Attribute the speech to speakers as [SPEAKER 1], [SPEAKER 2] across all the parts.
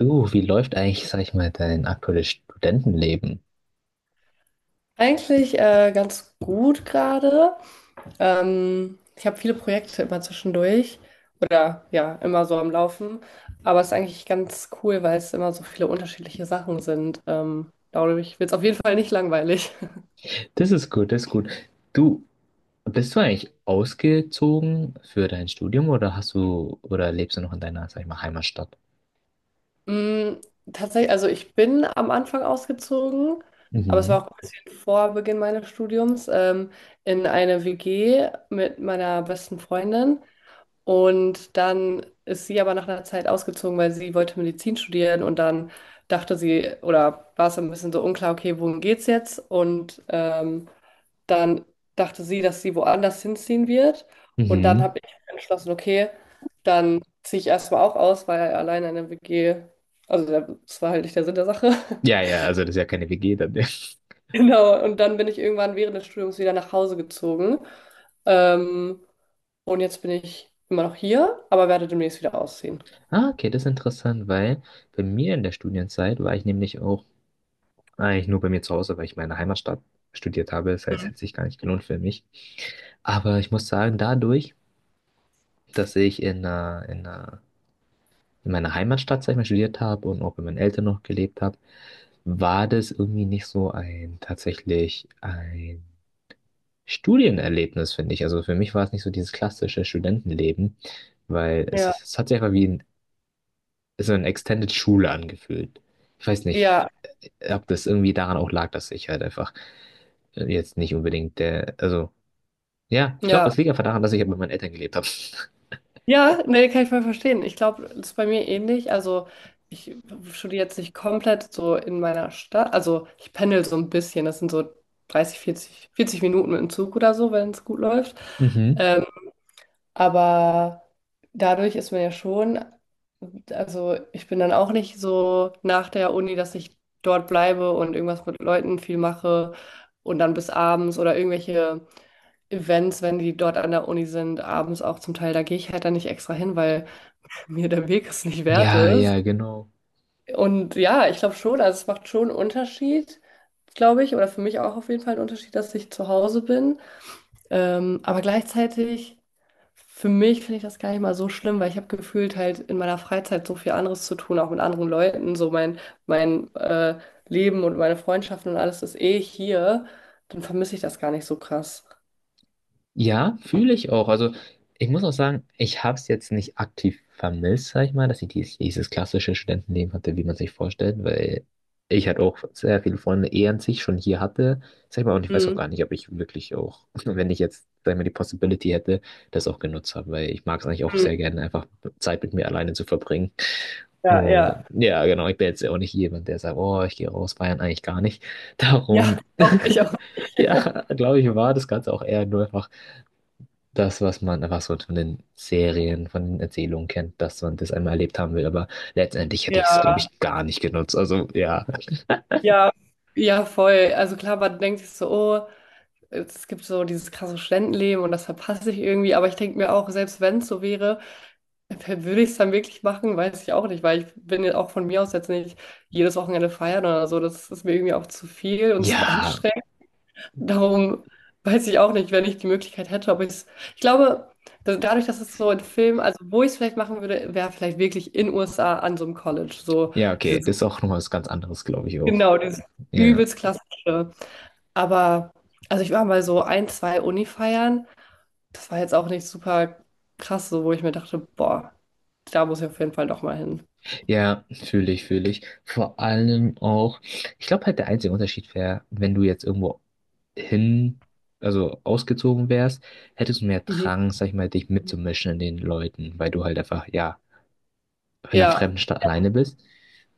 [SPEAKER 1] Du, wie läuft eigentlich, sag ich mal, dein aktuelles Studentenleben?
[SPEAKER 2] Eigentlich ganz gut gerade. Ich habe viele Projekte immer zwischendurch oder ja, immer so am Laufen. Aber es ist eigentlich ganz cool, weil es immer so viele unterschiedliche Sachen sind. Dadurch wird es auf jeden Fall nicht langweilig.
[SPEAKER 1] Das ist gut, das ist gut. Du, bist du eigentlich ausgezogen für dein Studium oder hast du oder lebst du noch in deiner, sag ich mal, Heimatstadt?
[SPEAKER 2] Mm, Tatsächlich, also ich bin am Anfang ausgezogen, aber es war
[SPEAKER 1] Mhm.
[SPEAKER 2] auch ein bisschen vor Beginn meines Studiums, in eine WG mit meiner besten Freundin. Und dann ist sie aber nach einer Zeit ausgezogen, weil sie wollte Medizin studieren und dann dachte sie, oder war es ein bisschen so unklar, okay, wohin geht's jetzt? Dann dachte sie, dass sie woanders hinziehen wird. Und dann
[SPEAKER 1] Mhm.
[SPEAKER 2] habe ich entschlossen, okay, dann ziehe ich erstmal auch aus, weil alleine in der WG, also der- das war halt nicht der Sinn der Sache.
[SPEAKER 1] Ja, ja, also das ist ja keine WG dann. Ja.
[SPEAKER 2] Genau. Und dann bin ich irgendwann während des Studiums wieder nach Hause gezogen. Ähm, und jetzt bin ich immer noch hier, aber werde demnächst wieder ausziehen.
[SPEAKER 1] Ah, okay, das ist interessant, weil bei mir in der Studienzeit war ich nämlich auch eigentlich nur bei mir zu Hause, weil ich meine Heimatstadt studiert habe. Das heißt, hätte sich gar nicht gelohnt für mich. Aber ich muss sagen, dadurch, dass ich in einer in meiner Heimatstadt, sag ich mal, studiert habe und auch bei meinen Eltern noch gelebt habe, war das irgendwie nicht so ein tatsächlich ein Studienerlebnis, finde ich. Also für mich war es nicht so dieses klassische Studentenleben, weil es,
[SPEAKER 2] Ja,
[SPEAKER 1] es hat sich einfach wie ein, so eine Extended Schule angefühlt. Ich weiß nicht,
[SPEAKER 2] ja,
[SPEAKER 1] ob das irgendwie daran auch lag, dass ich halt einfach jetzt nicht unbedingt der, also ja, ich glaube,
[SPEAKER 2] ja.
[SPEAKER 1] das liegt einfach daran, dass ich halt bei meinen Eltern gelebt habe.
[SPEAKER 2] Ja, nee, kann ich voll verstehen. Ich glaube, das ist bei mir ähnlich. Also, ich studiere jetzt nicht komplett so in meiner Stadt. Also, ich pendel so ein bisschen. Das sind so 30, 40, 40 Minuten mit dem Zug oder so, wenn es gut läuft.
[SPEAKER 1] Mhm.
[SPEAKER 2] Ähm, Aber dadurch ist man ja schon, also ich bin dann auch nicht so nach der Uni, dass ich dort bleibe und irgendwas mit Leuten viel mache und dann bis abends oder irgendwelche Events, wenn die dort an der Uni sind, abends auch zum Teil, da gehe ich halt dann nicht extra hin, weil mir der Weg es nicht wert
[SPEAKER 1] Ja,
[SPEAKER 2] ist.
[SPEAKER 1] ja, genau.
[SPEAKER 2] Und ja, ich glaube schon, also es macht schon einen Unterschied, glaube ich, oder für mich auch auf jeden Fall einen Unterschied, dass ich zu Hause bin. Aber gleichzeitig, für mich finde ich das gar nicht mal so schlimm, weil ich habe gefühlt halt in meiner Freizeit so viel anderes zu tun, auch mit anderen Leuten. So mein Leben und meine Freundschaften und alles ist eh hier. Dann vermisse ich das gar nicht so krass.
[SPEAKER 1] Ja, fühle ich auch. Also ich muss auch sagen, ich habe es jetzt nicht aktiv vermisst, sag ich mal, dass ich dieses klassische Studentenleben hatte, wie man sich vorstellt, weil ich halt auch sehr viele Freunde eh an sich schon hier hatte, sag ich mal, und ich weiß auch
[SPEAKER 2] Mhm.
[SPEAKER 1] gar nicht, ob ich wirklich auch, wenn ich jetzt, sag ich mal, die Possibility hätte, das auch genutzt habe, weil ich mag es eigentlich auch
[SPEAKER 2] Mhm.
[SPEAKER 1] sehr gerne, einfach Zeit mit mir alleine zu verbringen.
[SPEAKER 2] Ja, ja.
[SPEAKER 1] Und ja, genau, ich bin jetzt ja auch nicht jemand, der sagt, oh, ich gehe raus, feiern eigentlich gar nicht.
[SPEAKER 2] Ja,
[SPEAKER 1] Darum,
[SPEAKER 2] doch, ich auch nicht.
[SPEAKER 1] ja, glaube ich, war das Ganze auch eher nur einfach das, was man einfach so von den Serien, von den Erzählungen kennt, dass man das einmal erlebt haben will. Aber letztendlich hätte ich es, glaube
[SPEAKER 2] Ja,
[SPEAKER 1] ich, gar nicht genutzt. Also ja,
[SPEAKER 2] ja, ja, voll. Also klar, man denkt sich so, oh, es gibt so dieses krasse Studentenleben und das verpasse ich irgendwie. Aber ich denke mir auch, selbst wenn es so wäre, würde ich es dann wirklich machen, weiß ich auch nicht, weil ich bin ja auch von mir aus jetzt nicht jedes Wochenende feiern oder so. Das ist mir irgendwie auch zu viel und zu
[SPEAKER 1] ja,
[SPEAKER 2] anstrengend. Darum weiß ich auch nicht, wenn ich die Möglichkeit hätte, ob ich es. Ich glaube, dadurch, dass es so in Film, also wo ich es vielleicht machen würde, wäre vielleicht wirklich in USA an so einem College. So
[SPEAKER 1] ja, okay,
[SPEAKER 2] dieses,
[SPEAKER 1] das ist auch nochmal was ganz anderes, glaube ich auch.
[SPEAKER 2] genau, dieses
[SPEAKER 1] Ja,
[SPEAKER 2] übelst klassische. Aber, also ich war mal so ein, zwei Uni-Feiern. Das war jetzt auch nicht super krass, so wo ich mir dachte, boah, da muss ich auf jeden Fall doch mal hin.
[SPEAKER 1] ja, fühle ich. Vor allem auch, ich glaube halt der einzige Unterschied wäre, wenn du jetzt irgendwo hin, also ausgezogen wärst, hättest du mehr
[SPEAKER 2] Mhm.
[SPEAKER 1] Drang, sag ich mal, dich mitzumischen in den Leuten, weil du halt einfach, ja, in einer
[SPEAKER 2] Ja,
[SPEAKER 1] fremden Stadt alleine bist.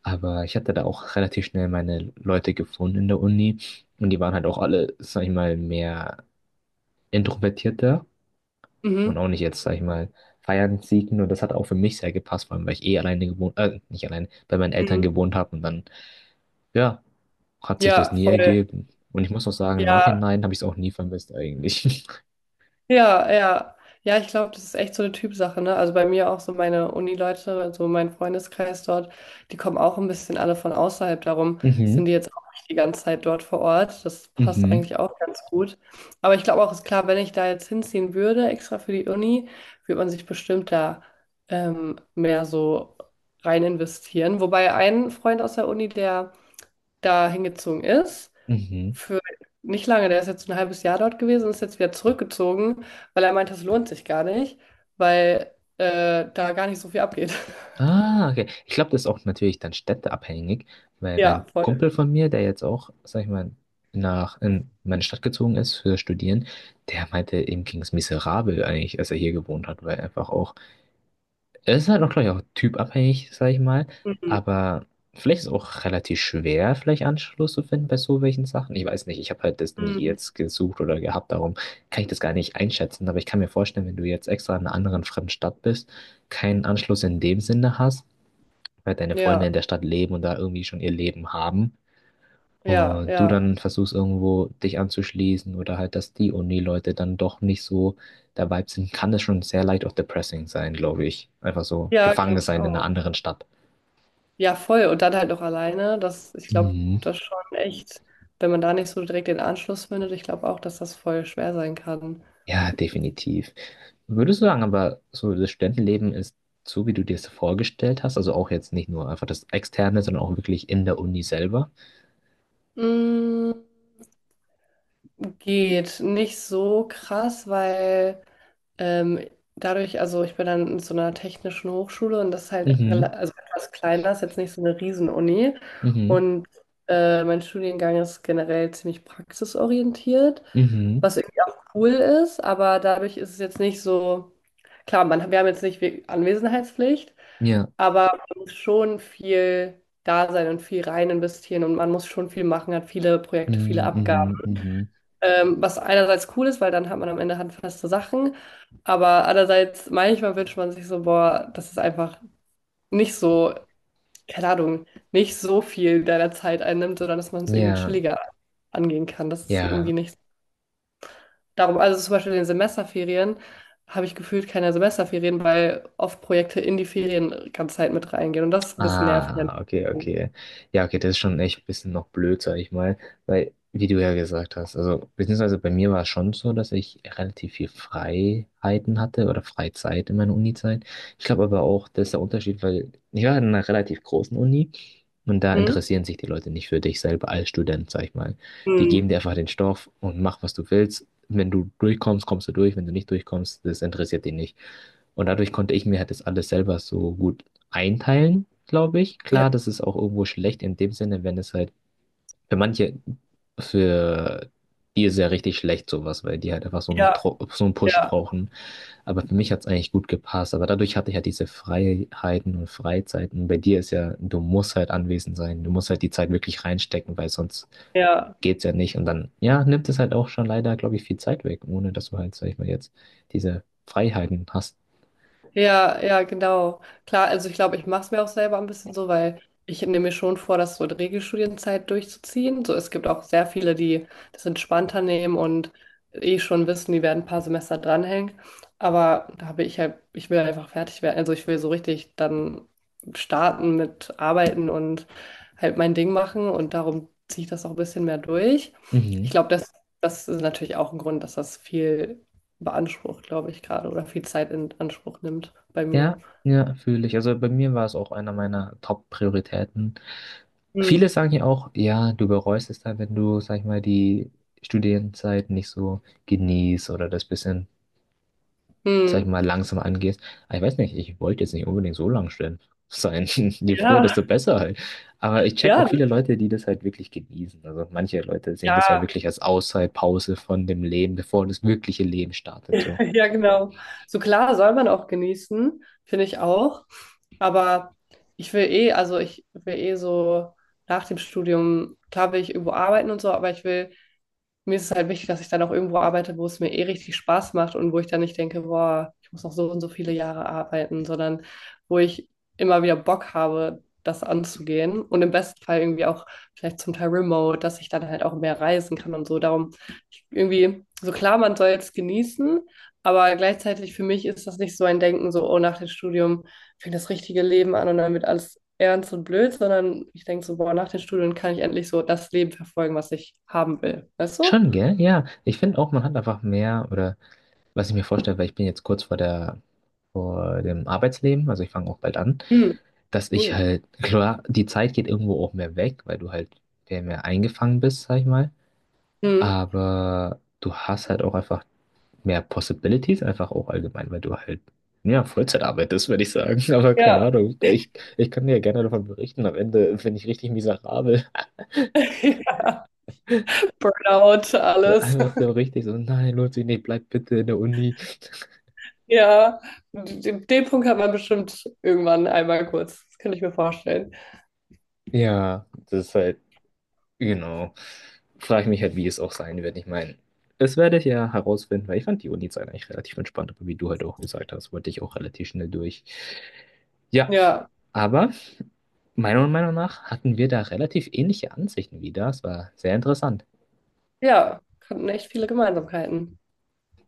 [SPEAKER 1] Aber ich hatte da auch relativ schnell meine Leute gefunden in der Uni. Und die waren halt auch alle, sag ich mal, mehr introvertierter und
[SPEAKER 2] mhm.
[SPEAKER 1] auch nicht jetzt, sag ich mal, feiern, siegen. Und das hat auch für mich sehr gepasst, vor allem, weil ich nicht alleine, bei meinen Eltern
[SPEAKER 2] Mhm.
[SPEAKER 1] gewohnt habe. Und dann, ja, hat sich das
[SPEAKER 2] Ja,
[SPEAKER 1] nie
[SPEAKER 2] voll.
[SPEAKER 1] ergeben. Und ich muss auch sagen, im
[SPEAKER 2] Ja,
[SPEAKER 1] Nachhinein habe ich es auch nie vermisst eigentlich.
[SPEAKER 2] ja, ja. Ja, ich glaube, das ist echt so eine Typsache, ne? Also bei mir auch so meine Uni-Leute, also mein Freundeskreis dort, die kommen auch ein bisschen alle von außerhalb. Darum sind
[SPEAKER 1] Mhm,
[SPEAKER 2] die jetzt auch nicht die ganze Zeit dort vor Ort. Das passt
[SPEAKER 1] mhm,
[SPEAKER 2] eigentlich auch ganz gut. Aber ich glaube auch, ist klar, wenn ich da jetzt hinziehen würde, extra für die Uni, würde man sich bestimmt da mehr so rein investieren. Wobei ein Freund aus der Uni, der da hingezogen ist,
[SPEAKER 1] mhm.
[SPEAKER 2] für nicht lange, der ist jetzt ein halbes Jahr dort gewesen und ist jetzt wieder zurückgezogen, weil er meinte, es lohnt sich gar nicht, weil da gar nicht so viel abgeht.
[SPEAKER 1] Ah, okay. Ich glaube, das ist auch natürlich dann städteabhängig, weil
[SPEAKER 2] Ja,
[SPEAKER 1] mein
[SPEAKER 2] voll.
[SPEAKER 1] Kumpel von mir, der jetzt auch, sag ich mal, nach in meine Stadt gezogen ist für Studieren, der meinte, ihm ging es miserabel eigentlich, als er hier gewohnt hat, weil einfach auch, es ist halt auch, glaube ich, auch typabhängig, sag ich mal,
[SPEAKER 2] Mhm.
[SPEAKER 1] aber vielleicht ist es auch relativ schwer, vielleicht Anschluss zu finden bei so welchen Sachen. Ich weiß nicht, ich habe halt das nie
[SPEAKER 2] Mhm.
[SPEAKER 1] jetzt gesucht oder gehabt, darum kann ich das gar nicht einschätzen, aber ich kann mir vorstellen, wenn du jetzt extra in einer anderen fremden Stadt bist, keinen Anschluss in dem Sinne hast, halt deine Freunde in
[SPEAKER 2] Ja,
[SPEAKER 1] der Stadt leben und da irgendwie schon ihr Leben haben.
[SPEAKER 2] ja,
[SPEAKER 1] Und du
[SPEAKER 2] ja.
[SPEAKER 1] dann versuchst irgendwo dich anzuschließen oder halt, dass die Uni-Leute dann doch nicht so der Vibe sind, kann das schon sehr leicht auch depressing sein, glaube ich. Einfach so
[SPEAKER 2] Ja,
[SPEAKER 1] gefangen
[SPEAKER 2] glaube ich
[SPEAKER 1] sein in
[SPEAKER 2] auch.
[SPEAKER 1] einer anderen Stadt.
[SPEAKER 2] Ja, voll. Und dann halt noch alleine. Das, ich glaube,
[SPEAKER 1] Mhm.
[SPEAKER 2] das schon echt, wenn man da nicht so direkt den Anschluss findet, ich glaube auch, dass das voll schwer sein kann.
[SPEAKER 1] Ja, definitiv. Würdest du sagen, aber so das Studentenleben ist so, wie du dir es vorgestellt hast, also auch jetzt nicht nur einfach das Externe, sondern auch wirklich in der Uni selber?
[SPEAKER 2] Mm, Geht nicht so krass, weil Ähm, dadurch, also ich bin dann in so einer technischen Hochschule und das ist halt
[SPEAKER 1] Mhm,
[SPEAKER 2] also etwas kleiner, ist jetzt nicht so eine Riesenuni.
[SPEAKER 1] mhm,
[SPEAKER 2] Und mein Studiengang ist generell ziemlich praxisorientiert,
[SPEAKER 1] mhm,
[SPEAKER 2] was irgendwie auch cool ist, aber dadurch ist es jetzt nicht so, klar, man, wir haben jetzt nicht Anwesenheitspflicht,
[SPEAKER 1] ja,
[SPEAKER 2] aber man muss schon viel da sein und viel rein investieren und man muss schon viel machen, hat viele Projekte, viele
[SPEAKER 1] mhm,
[SPEAKER 2] Abgaben.
[SPEAKER 1] mhm, mhm,
[SPEAKER 2] Was einerseits cool ist, weil dann hat man am Ende handfeste Sachen, aber andererseits manchmal wünscht man sich so, boah, dass es einfach nicht so, keine Ahnung, nicht so viel deiner Zeit einnimmt, sondern dass man es irgendwie
[SPEAKER 1] ja.
[SPEAKER 2] chilliger angehen kann. Das ist
[SPEAKER 1] Ja.
[SPEAKER 2] irgendwie nicht darum. Also zum Beispiel in den Semesterferien habe ich gefühlt keine Semesterferien, weil oft Projekte in die Ferien ganze Zeit mit reingehen und das ist ein bisschen nervig.
[SPEAKER 1] Ah, okay, okay. Ja, okay, das ist schon echt ein bisschen noch blöd, sag ich mal, weil, wie du ja gesagt hast, also, beziehungsweise bei mir war es schon so, dass ich relativ viel Freiheiten hatte oder Freizeit in meiner Unizeit. Ich glaube aber auch, das ist der Unterschied, weil ich war in einer relativ großen Uni und da
[SPEAKER 2] Hm?
[SPEAKER 1] interessieren sich die Leute nicht für dich selber als Student, sag ich mal. Die
[SPEAKER 2] Hm.
[SPEAKER 1] geben dir einfach den Stoff und mach, was du willst. Wenn du durchkommst, kommst du durch. Wenn du nicht durchkommst, das interessiert die nicht. Und dadurch konnte ich mir halt das alles selber so gut einteilen glaube ich.
[SPEAKER 2] Ja,
[SPEAKER 1] Klar, das ist auch irgendwo schlecht in dem Sinne, wenn es halt für manche, für die ist ja richtig schlecht sowas, weil die halt einfach so einen,
[SPEAKER 2] ja,
[SPEAKER 1] So einen Push
[SPEAKER 2] ja,
[SPEAKER 1] brauchen. Aber für mich hat es eigentlich gut gepasst. Aber dadurch hatte ich halt diese Freiheiten und Freizeiten. Bei dir ist ja, du musst halt anwesend sein. Du musst halt die Zeit wirklich reinstecken, weil sonst
[SPEAKER 2] ja.
[SPEAKER 1] geht's ja nicht. Und dann, ja, nimmt es halt auch schon leider, glaube ich, viel Zeit weg, ohne dass du halt, sag ich mal, jetzt diese Freiheiten hast.
[SPEAKER 2] Ja, ja, genau. Klar, also ich glaube, ich mache es mir auch selber ein bisschen so, weil ich nehme mir schon vor, das so in Regelstudienzeit durchzuziehen. So, es gibt auch sehr viele, die das entspannter nehmen und eh schon wissen, die werden ein paar Semester dranhängen. Aber da habe ich halt, ich will einfach fertig werden. Also ich will so richtig dann starten mit Arbeiten und halt mein Ding machen und darum ziehe ich das auch ein bisschen mehr durch. Ich
[SPEAKER 1] Mhm.
[SPEAKER 2] glaube, das ist natürlich auch ein Grund, dass das viel beansprucht, glaube ich, gerade oder viel Zeit in Anspruch nimmt bei mir.
[SPEAKER 1] Ja, ja, fühle ich. Also bei mir war es auch einer meiner Top-Prioritäten. Viele
[SPEAKER 2] Mhm.
[SPEAKER 1] sagen ja auch, ja, du bereust es dann, wenn du, sag ich mal, die Studienzeit nicht so genießt oder das bisschen, sag ich
[SPEAKER 2] Mhm.
[SPEAKER 1] mal, langsam angehst. Aber ich weiß nicht, ich wollte jetzt nicht unbedingt so lang stehen sein. Je früher,
[SPEAKER 2] Ja,
[SPEAKER 1] desto besser halt. Aber ich check
[SPEAKER 2] ja,
[SPEAKER 1] auch viele Leute, die das halt wirklich genießen. Also manche Leute sehen das ja
[SPEAKER 2] ja,
[SPEAKER 1] wirklich als Auszeitpause von dem Leben, bevor das wirkliche Leben startet. So.
[SPEAKER 2] ja, genau. So klar soll man auch genießen, finde ich auch. Aber ich will eh, also ich will eh so nach dem Studium, klar will ich irgendwo arbeiten und so, aber ich will mir ist es halt wichtig, dass ich dann auch irgendwo arbeite, wo es mir eh richtig Spaß macht und wo ich dann nicht denke, boah, ich muss noch so und so viele Jahre arbeiten, sondern wo ich immer wieder Bock habe, das anzugehen und im besten Fall irgendwie auch vielleicht zum Teil remote, dass ich dann halt auch mehr reisen kann und so. Darum irgendwie, so klar, man soll es genießen, aber gleichzeitig für mich ist das nicht so ein Denken, so, oh, nach dem Studium fängt das richtige Leben an und dann wird alles ernst und blöd, sondern ich denke so, boah, nach den Studien kann ich endlich so das Leben verfolgen, was ich haben will. Weißt du?
[SPEAKER 1] Schon, gell? Ja. Ich finde auch, man hat einfach mehr oder was ich mir vorstelle, weil ich bin jetzt kurz vor der, vor dem Arbeitsleben, also ich fange auch bald an,
[SPEAKER 2] Hm,
[SPEAKER 1] dass ich
[SPEAKER 2] cool.
[SPEAKER 1] halt, klar, die Zeit geht irgendwo auch mehr weg, weil du halt mehr eingefangen bist, sag ich mal.
[SPEAKER 2] Hm.
[SPEAKER 1] Aber du hast halt auch einfach mehr Possibilities, einfach auch allgemein, weil du halt, ja, Vollzeit arbeitest, würde ich sagen. Aber keine
[SPEAKER 2] Ja,
[SPEAKER 1] Ahnung, ich kann dir gerne davon berichten. Am Ende bin ich richtig miserabel.
[SPEAKER 2] Burnout, alles.
[SPEAKER 1] Einfach so richtig so, nein, lohnt sich nicht, bleib bitte in der Uni.
[SPEAKER 2] Ja, den Punkt hat man bestimmt irgendwann einmal kurz. Das könnte ich mir vorstellen.
[SPEAKER 1] Ja, das ist halt Genau. Frage ich mich halt, wie es auch sein wird. Ich meine, das werde ich ja herausfinden, weil ich fand die Uni-Zeit eigentlich relativ entspannt, aber wie du halt auch gesagt hast, wollte ich auch relativ schnell durch. Ja,
[SPEAKER 2] Ja,
[SPEAKER 1] aber meiner Meinung nach hatten wir da relativ ähnliche Ansichten wieder. Es war sehr interessant.
[SPEAKER 2] ja, hatten echt viele Gemeinsamkeiten.